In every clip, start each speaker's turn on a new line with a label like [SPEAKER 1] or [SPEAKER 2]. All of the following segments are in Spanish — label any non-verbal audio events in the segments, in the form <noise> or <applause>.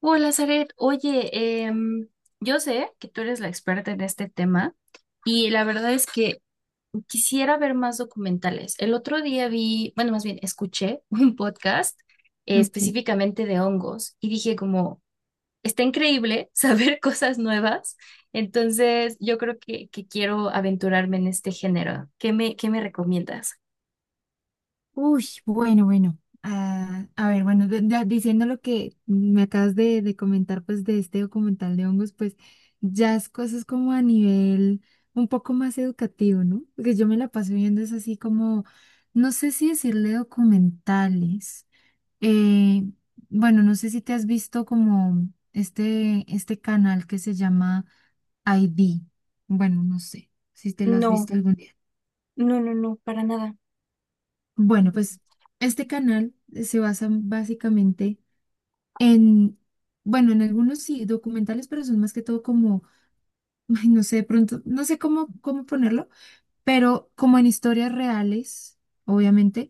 [SPEAKER 1] Hola, Zaret. Oye, em, yo sé que tú eres la experta en este tema y la verdad es que quisiera ver más documentales. El otro día vi, bueno, más bien escuché <laughs> un podcast
[SPEAKER 2] Ok.
[SPEAKER 1] específicamente de hongos y dije como, está increíble saber <laughs> cosas nuevas. Entonces, yo creo que quiero aventurarme en este género. ¿Qué me recomiendas?
[SPEAKER 2] Uy, bueno, bueno. Ah, a ver, bueno, ya diciendo lo que me acabas de comentar, pues de este documental de hongos, pues ya es cosas como a nivel un poco más educativo, ¿no? Porque yo me la paso viendo es así como, no sé si decirle documentales. Eh, bueno, no sé si te has visto como este canal que se llama ID. Bueno, no sé si te lo has
[SPEAKER 1] No,
[SPEAKER 2] visto algún día.
[SPEAKER 1] no, no, no, para nada.
[SPEAKER 2] Bueno,
[SPEAKER 1] Ujú.
[SPEAKER 2] pues este canal se basa básicamente en, bueno, en algunos sí documentales, pero son más que todo como, <laughs> ay, no sé, de pronto, no sé cómo ponerlo, pero como en historias reales, obviamente,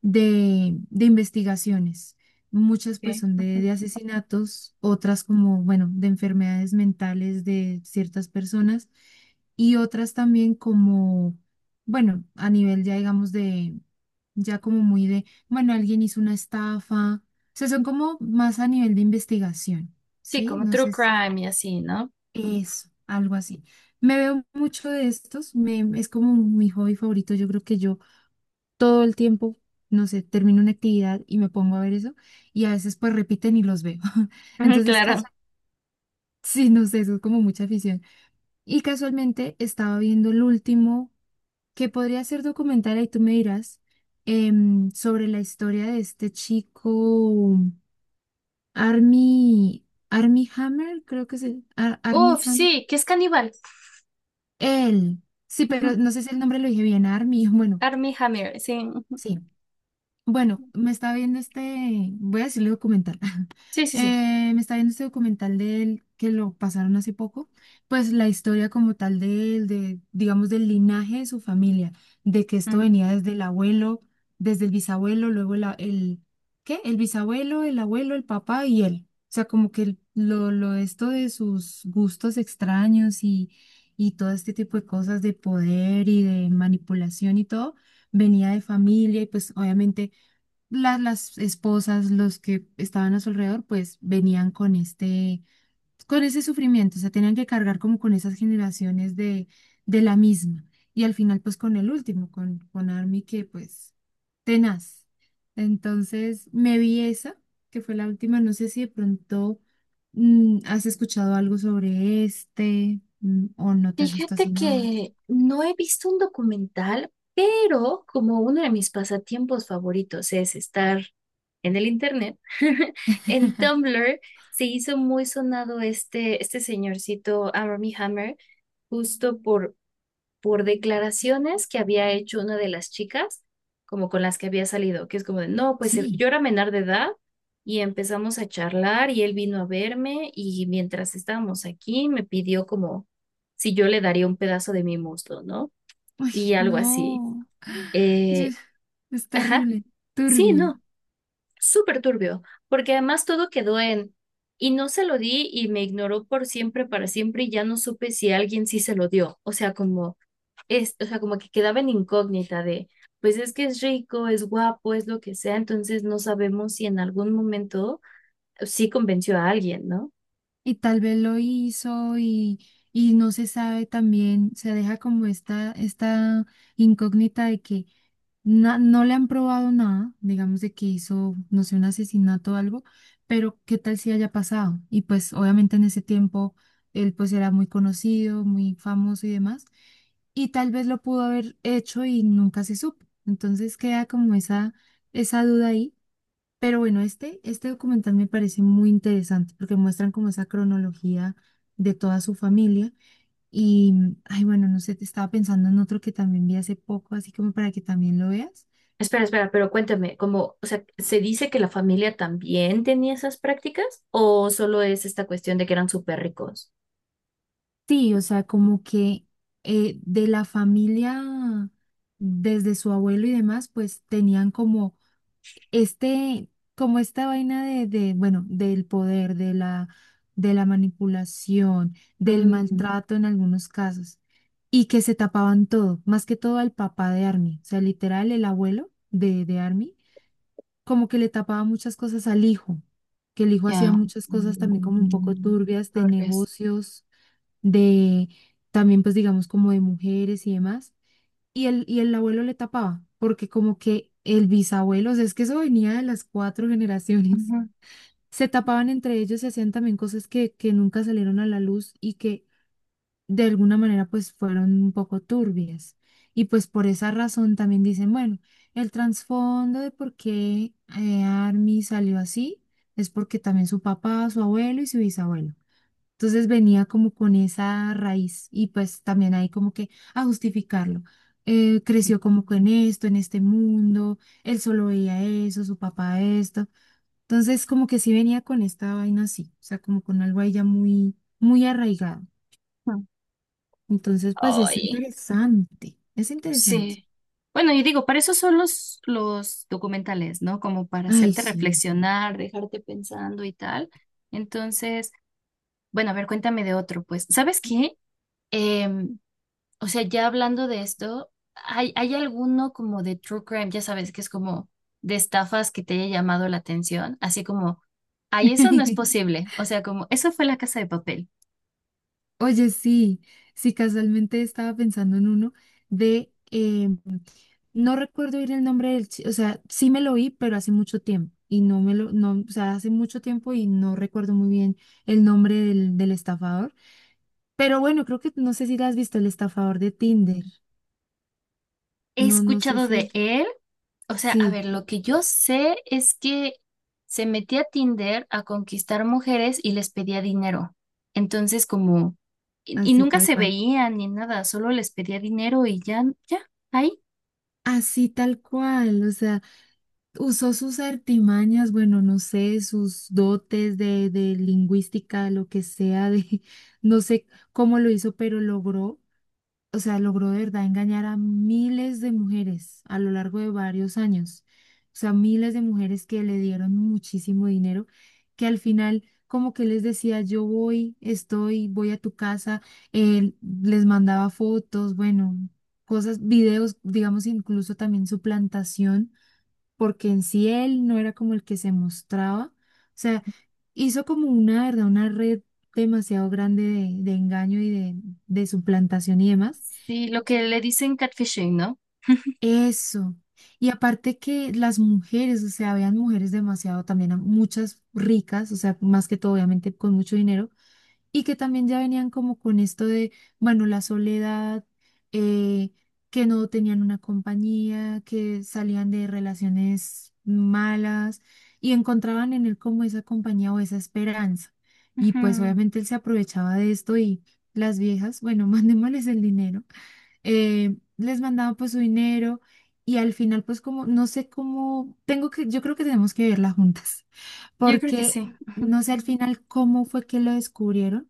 [SPEAKER 2] de investigaciones. Muchas pues
[SPEAKER 1] Ok,
[SPEAKER 2] son
[SPEAKER 1] ujú.
[SPEAKER 2] de asesinatos, otras como, bueno, de enfermedades mentales de ciertas personas y otras también como, bueno, a nivel ya digamos de, ya como muy de, bueno, alguien hizo una estafa. O sea, son como más a nivel de investigación,
[SPEAKER 1] Sí,
[SPEAKER 2] ¿sí?
[SPEAKER 1] como
[SPEAKER 2] No
[SPEAKER 1] true
[SPEAKER 2] sé si
[SPEAKER 1] crime y así, ¿no?
[SPEAKER 2] eso, algo así. Me veo mucho de estos, me, es como mi hobby favorito. Yo creo que yo todo el tiempo, no sé, termino una actividad y me pongo a ver eso, y a veces pues repiten y los veo. <laughs>
[SPEAKER 1] Ujú,
[SPEAKER 2] Entonces,
[SPEAKER 1] claro.
[SPEAKER 2] casual, sí, no sé, eso es como mucha afición. Y casualmente estaba viendo el último, que podría ser documental, ahí tú me dirás, sobre la historia de este chico, Army, Army Hammer, creo que es el Army
[SPEAKER 1] Uf,
[SPEAKER 2] Hammer.
[SPEAKER 1] sí, que es caníbal.
[SPEAKER 2] Él, sí,
[SPEAKER 1] Ujú,
[SPEAKER 2] pero no sé si el nombre lo dije bien, Army, bueno,
[SPEAKER 1] Armie Hammer, sí, ujú.
[SPEAKER 2] sí. Bueno, me está viendo este, voy a decirle documental.
[SPEAKER 1] Sí, sí, sí.
[SPEAKER 2] Me está viendo este documental de él que lo pasaron hace poco, pues la historia como tal de él, de, digamos, del linaje de su familia, de que esto
[SPEAKER 1] Ujú.
[SPEAKER 2] venía desde el abuelo, desde el bisabuelo, luego el ¿qué? El bisabuelo, el abuelo, el papá y él. O sea, como que lo de esto de sus gustos extraños y todo este tipo de cosas de poder y de manipulación y todo, venía de familia y pues obviamente las esposas, los que estaban a su alrededor, pues venían con este, con ese sufrimiento, o sea, tenían que cargar como con esas generaciones de la misma. Y al final, pues con el último, con Army, que pues tenaz. Entonces, me vi esa, que fue la última, no sé si de pronto has escuchado algo sobre este, o no te has visto así
[SPEAKER 1] Fíjate
[SPEAKER 2] nada.
[SPEAKER 1] que no he visto un documental, pero como uno de mis pasatiempos favoritos es estar en el internet, <laughs> en
[SPEAKER 2] <laughs>
[SPEAKER 1] Tumblr se hizo muy sonado este señorcito Armie Hammer, justo por declaraciones que había hecho una de las chicas, como con las que había salido, que es como de, no, pues
[SPEAKER 2] Sí,
[SPEAKER 1] yo era menor de edad y empezamos a charlar y él vino a verme y mientras estábamos aquí me pidió como si yo le daría un pedazo de mi muslo, ¿no? Y algo así.
[SPEAKER 2] no, yo-
[SPEAKER 1] Eh,
[SPEAKER 2] es
[SPEAKER 1] ajá,
[SPEAKER 2] terrible,
[SPEAKER 1] sí,
[SPEAKER 2] turbio.
[SPEAKER 1] no, súper turbio, porque además todo quedó en... Y no se lo di y me ignoró por siempre, para siempre, y ya no supe si alguien sí se lo dio. O sea, como es, o sea, como que quedaba en incógnita de, pues es que es rico, es guapo, es lo que sea, entonces no sabemos si en algún momento sí convenció a alguien, ¿no?
[SPEAKER 2] Y tal vez lo hizo y no se sabe también, se deja como esta incógnita de que no le han probado nada, digamos de que hizo, no sé, un asesinato o algo, pero qué tal si haya pasado. Y pues obviamente en ese tiempo él pues era muy conocido, muy famoso y demás, y tal vez lo pudo haber hecho y nunca se supo. Entonces queda como esa duda ahí. Pero bueno, este documental me parece muy interesante porque muestran como esa cronología de toda su familia. Y, mm, ay, bueno, no sé, te estaba pensando en otro que también vi hace poco, así como para que también lo veas.
[SPEAKER 1] Espera, espera, pero cuéntame, como, o sea, ¿se dice que la familia también tenía esas prácticas o solo es esta cuestión de que eran súper ricos?
[SPEAKER 2] Sí, o sea, como que de la familia, desde su abuelo y demás, pues tenían como este, como esta vaina bueno, del poder, de de la manipulación, del
[SPEAKER 1] Mm,
[SPEAKER 2] maltrato en algunos casos, y que se tapaban todo, más que todo al papá de Army, o sea, literal, el abuelo de Army, como que le tapaba muchas cosas al hijo, que el hijo hacía
[SPEAKER 1] ya.
[SPEAKER 2] muchas cosas también como un poco
[SPEAKER 1] Mm,
[SPEAKER 2] turbias de
[SPEAKER 1] tal vez.
[SPEAKER 2] negocios, de también, pues digamos, como de mujeres y demás y el abuelo le tapaba, porque como que el bisabuelo, o sea, es que eso venía de las cuatro <laughs> generaciones.
[SPEAKER 1] Ujú.
[SPEAKER 2] Se tapaban entre ellos y hacían también cosas que nunca salieron a la luz y que de alguna manera pues fueron un poco turbias. Y pues por esa razón también dicen, bueno, el trasfondo de por qué Army salió así es porque también su papá, su abuelo y su bisabuelo. Entonces venía como con esa raíz y pues también ahí como que a justificarlo. Creció como con esto, en este mundo, él solo veía eso, su papá esto. Entonces como que sí venía con esta vaina así, o sea, como con algo ahí ya muy, muy arraigado.
[SPEAKER 1] Mm.
[SPEAKER 2] Entonces pues es
[SPEAKER 1] Ay.
[SPEAKER 2] interesante, es interesante.
[SPEAKER 1] Sí. Bueno, y digo, para eso son los documentales, ¿no? Como para
[SPEAKER 2] Ay,
[SPEAKER 1] hacerte
[SPEAKER 2] sí.
[SPEAKER 1] reflexionar, dejarte pensando y tal. Entonces, bueno, a ver, cuéntame de otro, pues. ¿Sabes qué? Em, o sea, ya hablando de esto, ¿hay alguno como de true crime, ya sabes, que es como de estafas que te haya llamado la atención? Así como, ay, eso no es
[SPEAKER 2] <laughs>
[SPEAKER 1] posible. O sea, como, eso fue La Casa de Papel.
[SPEAKER 2] Oye, sí, sí, casualmente estaba pensando en uno de, no recuerdo ir el nombre del, o sea, sí me lo vi, pero hace mucho tiempo y no me lo, no, o sea, hace mucho tiempo y no recuerdo muy bien el nombre del estafador. Pero bueno, creo que no sé si la has visto, el estafador de Tinder.
[SPEAKER 1] He
[SPEAKER 2] No, no sé
[SPEAKER 1] escuchado de
[SPEAKER 2] si,
[SPEAKER 1] él. O sea, a
[SPEAKER 2] sí,
[SPEAKER 1] ver, lo que yo sé es que se metía a Tinder a conquistar mujeres y les pedía dinero. Entonces, como, y
[SPEAKER 2] así
[SPEAKER 1] nunca
[SPEAKER 2] tal
[SPEAKER 1] se
[SPEAKER 2] cual.
[SPEAKER 1] veían ni nada, solo les pedía dinero y ya, ya, ahí.
[SPEAKER 2] Así tal cual, o sea, usó sus artimañas, bueno, no sé, sus dotes de lingüística, lo que sea, de, <laughs> no sé cómo lo hizo, pero logró o sea, logró de verdad engañar a miles de mujeres a lo largo de varios años. O sea, miles de mujeres que le dieron muchísimo dinero, que al final como que les decía, yo voy, estoy, voy a tu casa, él les mandaba fotos, bueno, cosas, videos, digamos, incluso también su plantación, porque en sí él no era como el que se mostraba. O sea, hizo como una, ¿verdad? Una red demasiado grande de engaño y de suplantación y demás.
[SPEAKER 1] Sí, lo que le dicen catfishing, no.
[SPEAKER 2] Eso. Y aparte que las mujeres, o sea, habían mujeres demasiado también, muchas ricas, o sea, más que todo, obviamente, con mucho dinero, y que también ya venían como con esto de, bueno, la soledad, eh, que no tenían una compañía, que salían de relaciones malas y encontraban en él como esa compañía o esa esperanza. Y pues
[SPEAKER 1] Ujú,
[SPEAKER 2] obviamente él se aprovechaba de esto y las viejas, bueno, <laughs> mandémosles el dinero les mandaba pues su dinero y al final pues como, no sé cómo, tengo que, yo creo que tenemos que verla juntas, <laughs>
[SPEAKER 1] yo creo que
[SPEAKER 2] porque
[SPEAKER 1] sí.
[SPEAKER 2] no sé al final cómo fue que lo descubrieron,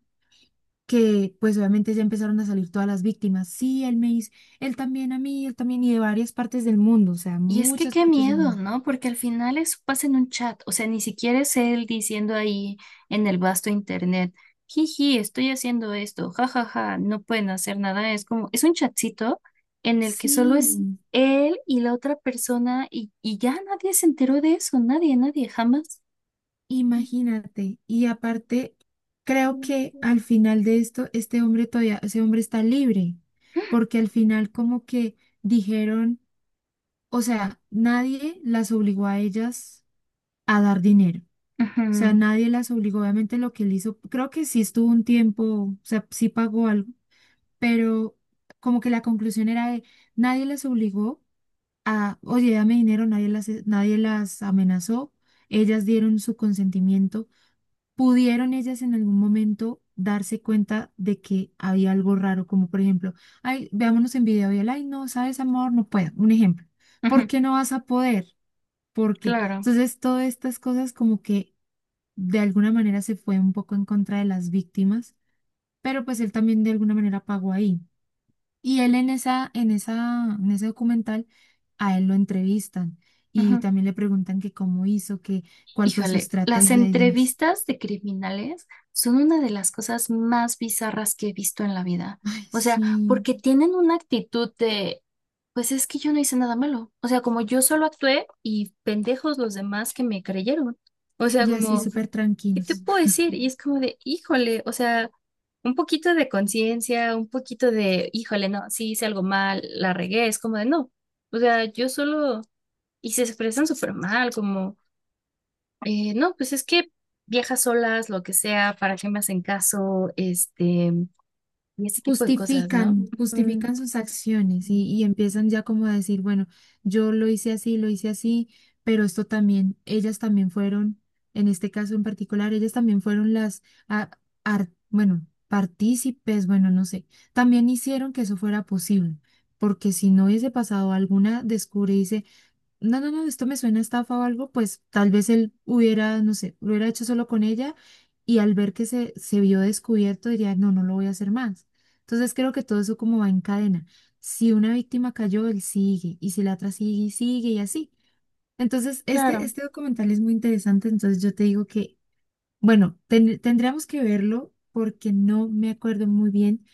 [SPEAKER 2] que pues obviamente ya empezaron a salir todas las víctimas, sí, él me hizo, él también a mí, él también y de varias partes del mundo, o sea,
[SPEAKER 1] Y es que
[SPEAKER 2] muchas
[SPEAKER 1] qué
[SPEAKER 2] partes del
[SPEAKER 1] miedo,
[SPEAKER 2] mundo.
[SPEAKER 1] ¿no? Porque al final eso pasa en un chat, o sea, ni siquiera es él diciendo ahí en el vasto internet, jiji, estoy haciendo esto, jajaja, no pueden hacer nada, es como, es un chatcito en el que solo es
[SPEAKER 2] Sí,
[SPEAKER 1] él y la otra persona y ya nadie se enteró de eso, nadie, nadie, jamás.
[SPEAKER 2] imagínate, y aparte, creo que
[SPEAKER 1] Ujú,
[SPEAKER 2] al final de esto, este hombre todavía, ese hombre está libre, porque al final como que dijeron, o sea, nadie las obligó a ellas a dar dinero. O sea, nadie las obligó, obviamente lo que él hizo, creo que sí estuvo un tiempo, o sea, sí pagó algo, pero como que la conclusión era de nadie las obligó a, oye, dame dinero, nadie las, nadie las amenazó, ellas dieron su consentimiento, pudieron ellas en algún momento darse cuenta de que había algo raro, como por ejemplo, ay, veámonos en video y él, ay, no, sabes, amor, no puedo, un ejemplo, ¿por
[SPEAKER 1] ujú,
[SPEAKER 2] qué no vas a poder? Porque
[SPEAKER 1] claro.
[SPEAKER 2] entonces todas estas cosas como que de alguna manera se fue un poco en contra de las víctimas, pero pues él también de alguna manera pagó ahí. Y él en esa, en ese documental a él lo entrevistan y también le preguntan que cómo hizo, que cuál fue su
[SPEAKER 1] Híjole, las
[SPEAKER 2] estrategia y demás.
[SPEAKER 1] entrevistas de criminales son una de las cosas más bizarras que he visto en la vida.
[SPEAKER 2] Ay,
[SPEAKER 1] O sea,
[SPEAKER 2] sí,
[SPEAKER 1] porque tienen una actitud de, pues es que yo no hice nada malo. O sea, como yo solo actué y pendejos los demás que me creyeron. O sea,
[SPEAKER 2] y así
[SPEAKER 1] como,
[SPEAKER 2] súper
[SPEAKER 1] ¿qué te
[SPEAKER 2] tranquilos.
[SPEAKER 1] puedo decir? Y es como de, híjole, o sea, un poquito de conciencia, un poquito de, híjole, no, sí hice algo mal, la regué. Es como de, no. O sea, yo solo... Y se expresan súper mal, como... no, pues es que viajas solas, lo que sea, para qué me hacen caso, este, y ese tipo de cosas, ¿no?
[SPEAKER 2] Justifican,
[SPEAKER 1] Ujú,
[SPEAKER 2] justifican sus acciones y empiezan ya como a decir, bueno, yo lo hice así, pero esto también, ellas también fueron, en este caso en particular, ellas también fueron las, a- bueno, partícipes, bueno, no sé, también hicieron que eso fuera posible, porque si no hubiese pasado alguna no, no, no, esto me suena a estafa o algo, pues tal vez él hubiera, no sé, lo hubiera hecho solo con ella y al ver que se vio descubierto diría, no, no lo voy a hacer más. Entonces creo que todo eso como va en cadena. Si una víctima cayó, él sigue y si la otra sigue y sigue y así. Entonces,
[SPEAKER 1] claro.
[SPEAKER 2] este documental es muy interesante, entonces yo te digo que, bueno, tendríamos que verlo porque no me acuerdo muy bien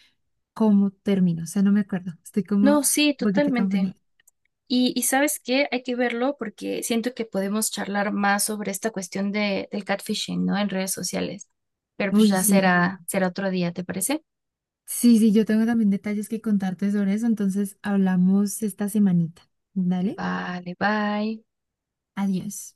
[SPEAKER 2] cómo terminó, o sea, no me acuerdo, estoy como un
[SPEAKER 1] No, sí,
[SPEAKER 2] poquito
[SPEAKER 1] totalmente.
[SPEAKER 2] confundida.
[SPEAKER 1] Y ¿sabes qué? Hay que verlo porque siento que podemos charlar más sobre esta cuestión de, del catfishing, ¿no? En redes sociales. Pero pues
[SPEAKER 2] Uy,
[SPEAKER 1] ya
[SPEAKER 2] sí.
[SPEAKER 1] será, será otro día, ¿te parece?
[SPEAKER 2] Sí, sí, yo tengo también detalles que contarte sobre eso, entonces hablamos esta semanita. Dale,
[SPEAKER 1] Vale, bye.
[SPEAKER 2] adiós.